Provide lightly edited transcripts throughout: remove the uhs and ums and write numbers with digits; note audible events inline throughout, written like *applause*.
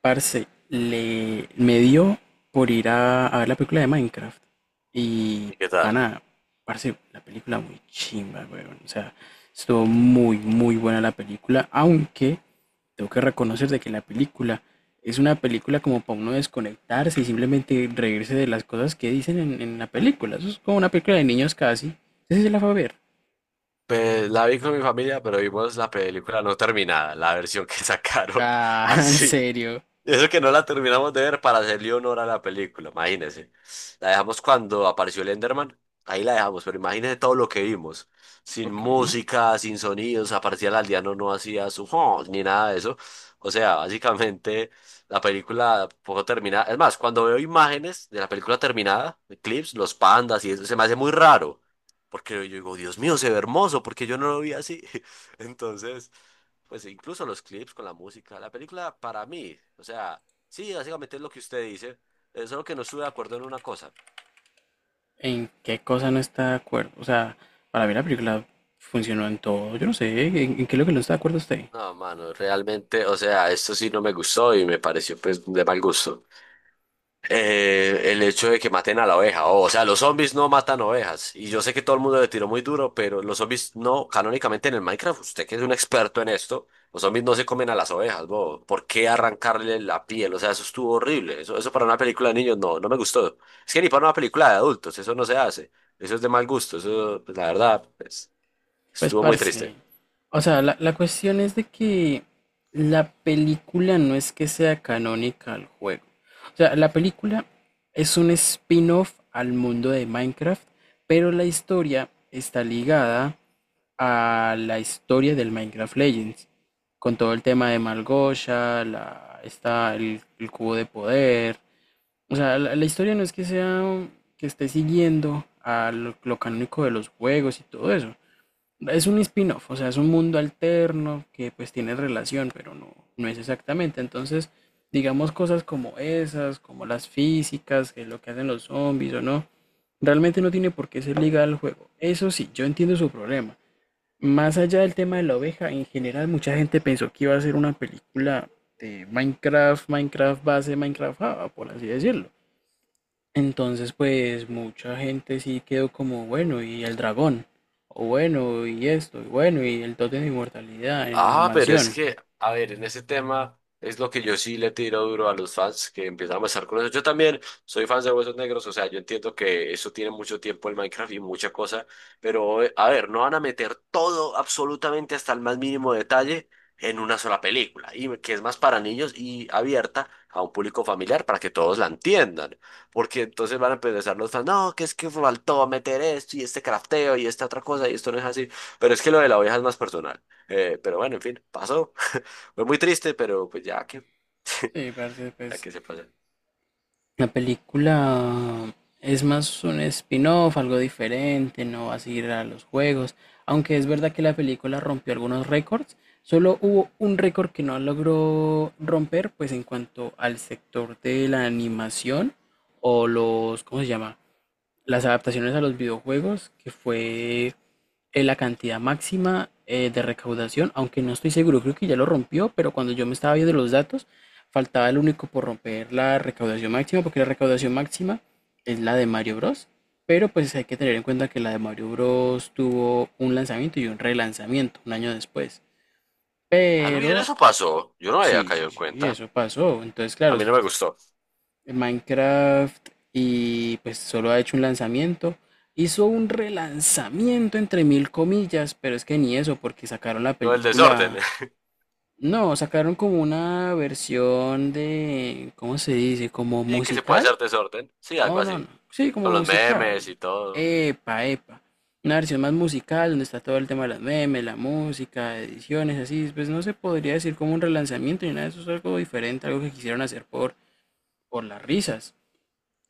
Parce, me dio por ir a ver la película de Minecraft. Y, ¿Y qué tal? pana, parce, la película muy chimba, weón. O sea, estuvo muy buena la película. Aunque tengo que reconocer de que la película es una película como para uno desconectarse y simplemente reírse de las cosas que dicen en la película. Eso es como una película de niños casi. Ese se la fue a ver. Pues la vi con mi familia, pero vimos la película no terminada, la versión que sacaron *laughs* Ah, *laughs* ¿en así. serio? Y eso que no la terminamos de ver para hacerle honor a la película, imagínese. La dejamos cuando apareció el Enderman, ahí la dejamos, pero imagínese todo lo que vimos. Sin Ok. música, sin sonidos, aparecía el aldeano, no hacía su "Oh", ni nada de eso. O sea, básicamente la película poco terminada. Es más, cuando veo imágenes de la película terminada, de clips, los pandas y eso, se me hace muy raro. Porque yo digo, Dios mío, se ve hermoso, porque yo no lo vi así. *laughs* Entonces, pues incluso los clips con la música. La película para mí, o sea, sí, básicamente es lo que usted dice, solo que no estuve de acuerdo en una cosa. ¿En qué cosa no está de acuerdo? O sea, para mí la película funcionó en todo. Yo no sé, en qué es lo que no está de acuerdo usted? No, mano, realmente, o sea, esto sí no me gustó y me pareció pues de mal gusto. El hecho de que maten a la oveja. O sea, los zombies no matan ovejas. Y yo sé que todo el mundo le tiró muy duro, pero los zombies no, canónicamente en el Minecraft, usted que es un experto en esto, los zombies no se comen a las ovejas, bo. ¿Por qué arrancarle la piel? O sea, eso estuvo horrible. Eso para una película de niños no, no me gustó. Es que ni para una película de adultos, eso no se hace. Eso es de mal gusto. Eso, pues, la verdad, pues, Pues, estuvo muy parce. triste. O sea, la cuestión es de que la película no es que sea canónica al juego. O sea, la película es un spin-off al mundo de Minecraft, pero la historia está ligada a la historia del Minecraft Legends, con todo el tema de Malgosha, la, está el cubo de poder. O sea, la historia no es que sea que esté siguiendo a lo canónico de los juegos y todo eso. Es un spin-off, o sea, es un mundo alterno que pues tiene relación, pero no es exactamente. Entonces, digamos cosas como esas, como las físicas, que es lo que hacen los zombies o no, realmente no tiene por qué ser ligada al juego. Eso sí, yo entiendo su problema. Más allá del tema de la oveja, en general mucha gente pensó que iba a ser una película de Minecraft, Minecraft base, Minecraft Java, por así decirlo. Entonces, pues mucha gente sí quedó como, bueno, y el dragón, o bueno, y esto, y bueno, y el tótem de inmortalidad en la Ah, pero es mansión. que, a ver, en ese tema es lo que yo sí le tiro duro a los fans que empiezan a pasar con eso. Yo también soy fan de Huesos Negros, o sea, yo entiendo que eso tiene mucho tiempo el Minecraft y mucha cosa, pero a ver, no van a meter todo, absolutamente hasta el más mínimo detalle, en una sola película, y que es más para niños y abierta a un público familiar para que todos la entiendan. Porque entonces van a empezar los fans, no, que es que faltó meter esto y este crafteo y esta otra cosa y esto no es así. Pero es que lo de la oveja es más personal. Pero bueno, en fin, pasó. *laughs* Fue muy triste, pero pues ya que, Sí, parce, *laughs* ya pues que se pasa. la película es más un spin-off, algo diferente, no va a seguir a los juegos. Aunque es verdad que la película rompió algunos récords, solo hubo un récord que no logró romper, pues en cuanto al sector de la animación o los, ¿cómo se llama? Las adaptaciones a los videojuegos, que fue la cantidad máxima de recaudación, aunque no estoy seguro, creo que ya lo rompió, pero cuando yo me estaba viendo los datos, faltaba el único por romper la recaudación máxima, porque la recaudación máxima es la de Mario Bros. Pero pues hay que tener en cuenta que la de Mario Bros tuvo un lanzamiento y un relanzamiento un año después. Ah, no, bien, Pero eso pasó. Yo no había sí, sí, caído en sí, cuenta. eso pasó. Entonces, A claro, mí no me gustó. en Minecraft y pues solo ha hecho un lanzamiento. Hizo un relanzamiento entre mil comillas, pero es que ni eso, porque sacaron la Lo del desorden. película. *laughs* No, sacaron como una versión de, ¿cómo se dice? ¿Como Sí, que se puede musical? hacer desorden. Sí, algo No, no, así. no. Sí, Con como los memes musical. y todo. Epa, epa. Una versión más musical donde está todo el tema de las memes, la música, ediciones, así. Pues no se podría decir como un relanzamiento ni nada de eso, es algo diferente, algo que quisieron hacer por las risas.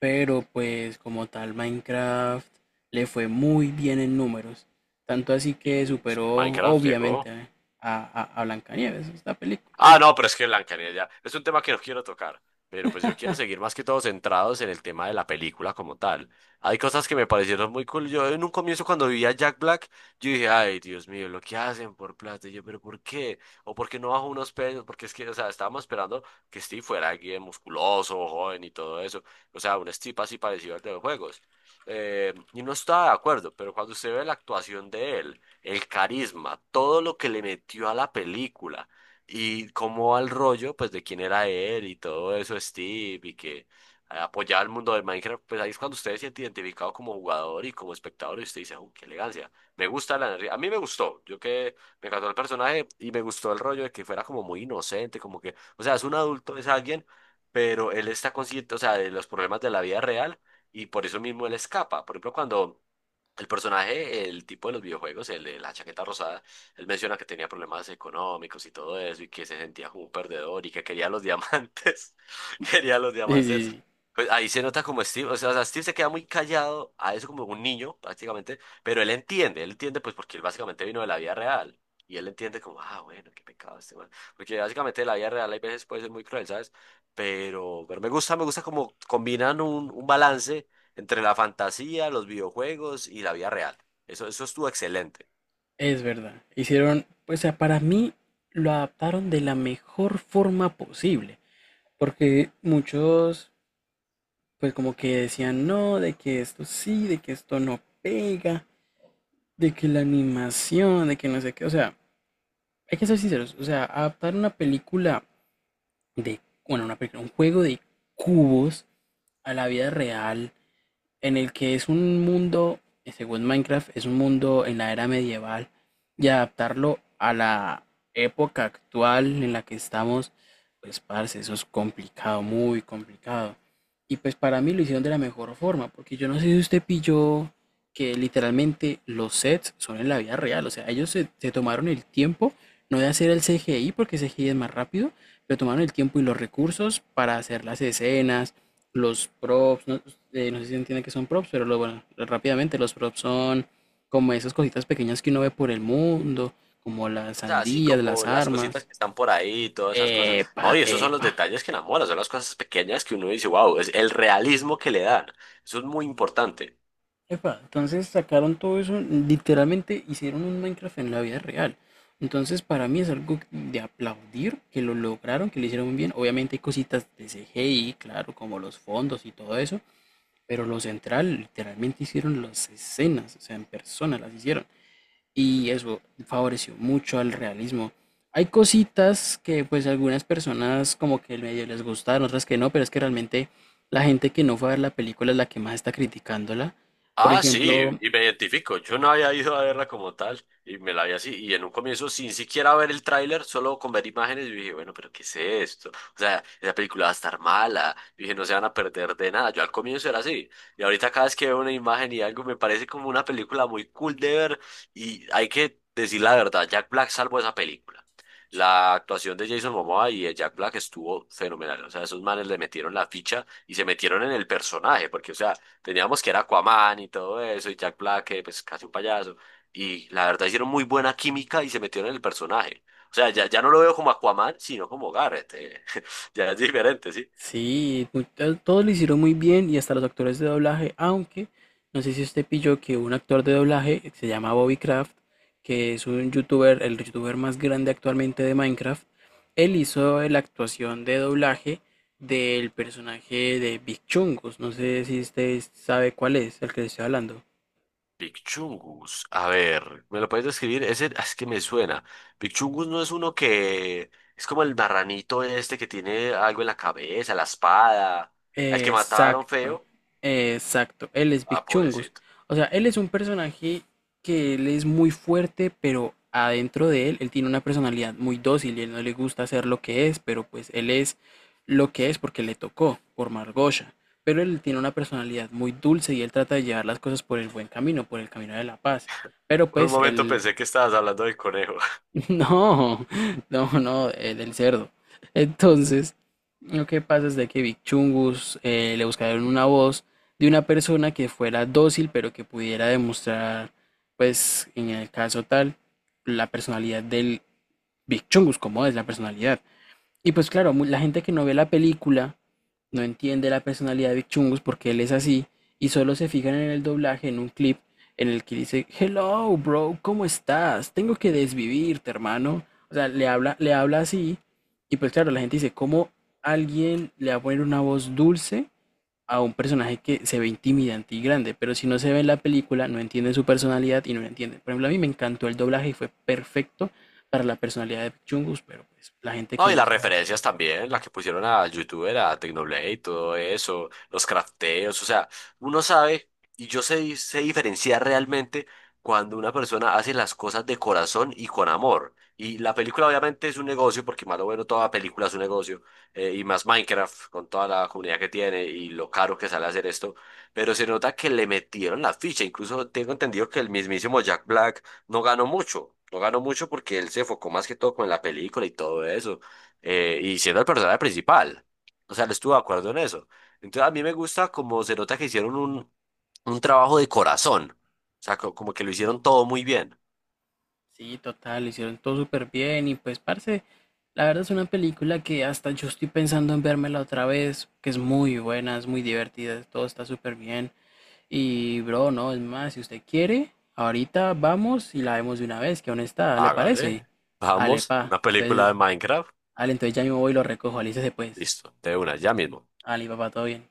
Pero pues como tal Minecraft le fue muy bien en números, tanto así que Y superó Minecraft obviamente llegó. A Blancanieves, esta película. Ah, no, pero es que Blancanieves ya es un tema que no quiero tocar, pero pues yo quiero seguir más que todo centrados en el tema de la película como tal. Hay cosas que me parecieron muy cool. Yo en un comienzo cuando vivía Jack Black, yo dije, ay, Dios mío, lo que hacen por plata. Y yo, pero ¿por qué? ¿O por qué no bajo unos pesos? Porque es que, o sea, estábamos esperando que Steve fuera alguien musculoso, joven y todo eso. O sea, un Steve así parecido al de los juegos. Y no estaba de acuerdo, pero cuando usted ve la actuación de él, el carisma, todo lo que le metió a la película y cómo al rollo, pues de quién era él y todo eso, Steve, y que apoyaba el mundo de Minecraft, pues ahí es cuando usted se siente identificado como jugador y como espectador y usted dice, "¡Oh, qué elegancia! Me gusta la energía". A mí me gustó, yo que me encantó el personaje y me gustó el rollo de que fuera como muy inocente, como que, o sea, es un adulto, es alguien, pero él está consciente, o sea, de los problemas de la vida real y por eso mismo él escapa. Por ejemplo, cuando... el personaje, el tipo de los videojuegos, el de la chaqueta rosada, él menciona que tenía problemas económicos y todo eso y que se sentía como un perdedor y que quería los diamantes. *laughs* Quería los Sí, sí, diamantes. sí, Pues ahí se nota como Steve, o sea, Steve se queda muy callado a eso como un niño prácticamente, pero él entiende pues porque él básicamente vino de la vida real. Y él entiende como, ah, bueno, qué pecado este man. Porque básicamente la vida real hay veces puede ser muy cruel, ¿sabes? Pero me gusta como combinan un balance entre la fantasía, los videojuegos y la vida real. Eso estuvo excelente. es verdad. Hicieron, pues o sea, para mí lo adaptaron de la mejor forma posible, porque muchos pues como que decían no, de que esto sí, de que esto no pega, de que la animación, de que no sé qué, o sea, hay que ser sinceros, o sea, adaptar una película de, bueno, una película, un juego de cubos a la vida real en el que es un mundo, según Minecraft, es un mundo en la era medieval y adaptarlo a la época actual en la que estamos, pues parce, eso es complicado, muy complicado. Y pues para mí lo hicieron de la mejor forma, porque yo no sé si usted pilló que literalmente los sets son en la vida real, o sea, ellos se tomaron el tiempo, no de hacer el CGI, porque CGI es más rápido, pero tomaron el tiempo y los recursos para hacer las escenas, los props, ¿no? Eh, no sé si entiende que son props, pero lo, bueno, rápidamente los props son como esas cositas pequeñas que uno ve por el mundo, como las O sea, así sandías, como las las cositas armas. que están por ahí, todas esas cosas. Epa, No, y esos son los epa. detalles que enamoran, son las cosas pequeñas que uno dice, wow, es el realismo que le dan. Eso es muy importante. Epa, entonces sacaron todo eso, literalmente hicieron un Minecraft en la vida real. Entonces para mí es algo de aplaudir que lo lograron, que lo hicieron muy bien. Obviamente hay cositas de CGI, claro, como los fondos y todo eso, pero lo central, literalmente hicieron las escenas, o sea, en persona las hicieron. Y eso favoreció mucho al realismo. Hay cositas que pues algunas personas como que medio les gustaron, otras que no, pero es que realmente la gente que no fue a ver la película es la que más está criticándola. Por Ah, sí, ejemplo, y me identifico. Yo no había ido a verla como tal y me la vi así. Y en un comienzo, sin siquiera ver el tráiler, solo con ver imágenes, yo dije, bueno, pero ¿qué es esto? O sea, esa película va a estar mala. Yo dije, no se van a perder de nada. Yo al comienzo era así. Y ahorita cada vez que veo una imagen y algo, me parece como una película muy cool de ver. Y hay que decir la verdad, Jack Black salvó esa película. La actuación de Jason Momoa y de Jack Black estuvo fenomenal. O sea, esos manes le metieron la ficha y se metieron en el personaje, porque, o sea, teníamos que era Aquaman y todo eso, y Jack Black, que pues casi un payaso. Y la verdad hicieron muy buena química y se metieron en el personaje. O sea, ya no lo veo como Aquaman, sino como Garrett. *laughs* Ya es diferente, ¿sí? sí, todo lo hicieron muy bien y hasta los actores de doblaje, aunque no sé si usted pilló que un actor de doblaje que se llama Bobby Craft, que es un youtuber, el youtuber más grande actualmente de Minecraft, él hizo la actuación de doblaje del personaje de Big Chungus, no sé si usted sabe cuál es, el que le estoy hablando. Picchungus. A ver, ¿me lo puedes describir? Ese ah, es que me suena. Picchungus no es uno que es como el marranito este que tiene algo en la cabeza, la espada, al que mataron Exacto, feo. exacto. Él es Ah, Big Chungus. pobrecito. O sea, él es un personaje que él es muy fuerte, pero adentro de él, él tiene una personalidad muy dócil y él no le gusta hacer lo que es, pero pues él es lo que es porque le tocó por Margosha. Pero él tiene una personalidad muy dulce y él trata de llevar las cosas por el buen camino, por el camino de la paz. Pero Por un pues momento él pensé que estabas hablando del conejo. *laughs* no, no, no, del cerdo. Entonces, lo que pasa es de que Big Chungus le *laughs* buscaron una voz de una persona que fuera dócil, pero que pudiera demostrar, pues, en el caso tal, la personalidad del Big Chungus, como es la personalidad. Y pues claro, la gente que no ve la película no entiende la personalidad de Vic Chungus porque él es así y solo se fijan en el doblaje, en un clip en el que dice, "Hello, bro, ¿cómo estás? Tengo que desvivirte, hermano". O sea, le habla así y pues claro, la gente dice, ¿cómo alguien le va a poner una voz dulce a un personaje que se ve intimidante y grande? Pero si no se ve en la película, no entienden su personalidad y no la entienden. Por ejemplo, a mí me encantó el doblaje y fue perfecto para la personalidad de Vic Chungus, pero pues la gente No, que y no las sabe. referencias también, las que pusieron a YouTuber, a Tecnoblade, todo eso, los crafteos, o sea, uno sabe y yo sé, sé diferenciar realmente cuando una persona hace las cosas de corazón y con amor. Y la película obviamente es un negocio, porque más o menos toda película es un negocio, y más Minecraft con toda la comunidad que tiene y lo caro que sale hacer esto, pero se nota que le metieron la ficha, incluso tengo entendido que el mismísimo Jack Black no ganó mucho. No ganó mucho porque él se enfocó más que todo con la película y todo eso y siendo el personaje principal. O sea, no estuve de acuerdo en eso. Entonces, a mí me gusta como se nota que hicieron un trabajo de corazón. O sea, como que lo hicieron todo muy bien. Sí, total, hicieron todo súper bien y pues, parce, la verdad es una película que hasta yo estoy pensando en vérmela otra vez, que es muy buena, es muy divertida, todo está súper bien. Y, bro, no, es más, si usted quiere, ahorita vamos y la vemos de una vez, que aún está, ¿le parece? Hágale. Ale, Vamos, pa. una película de Entonces, Minecraft. ale, entonces ya mismo voy y lo recojo, alícese pues. Listo, de una, ya mismo. Ale, papá, todo bien.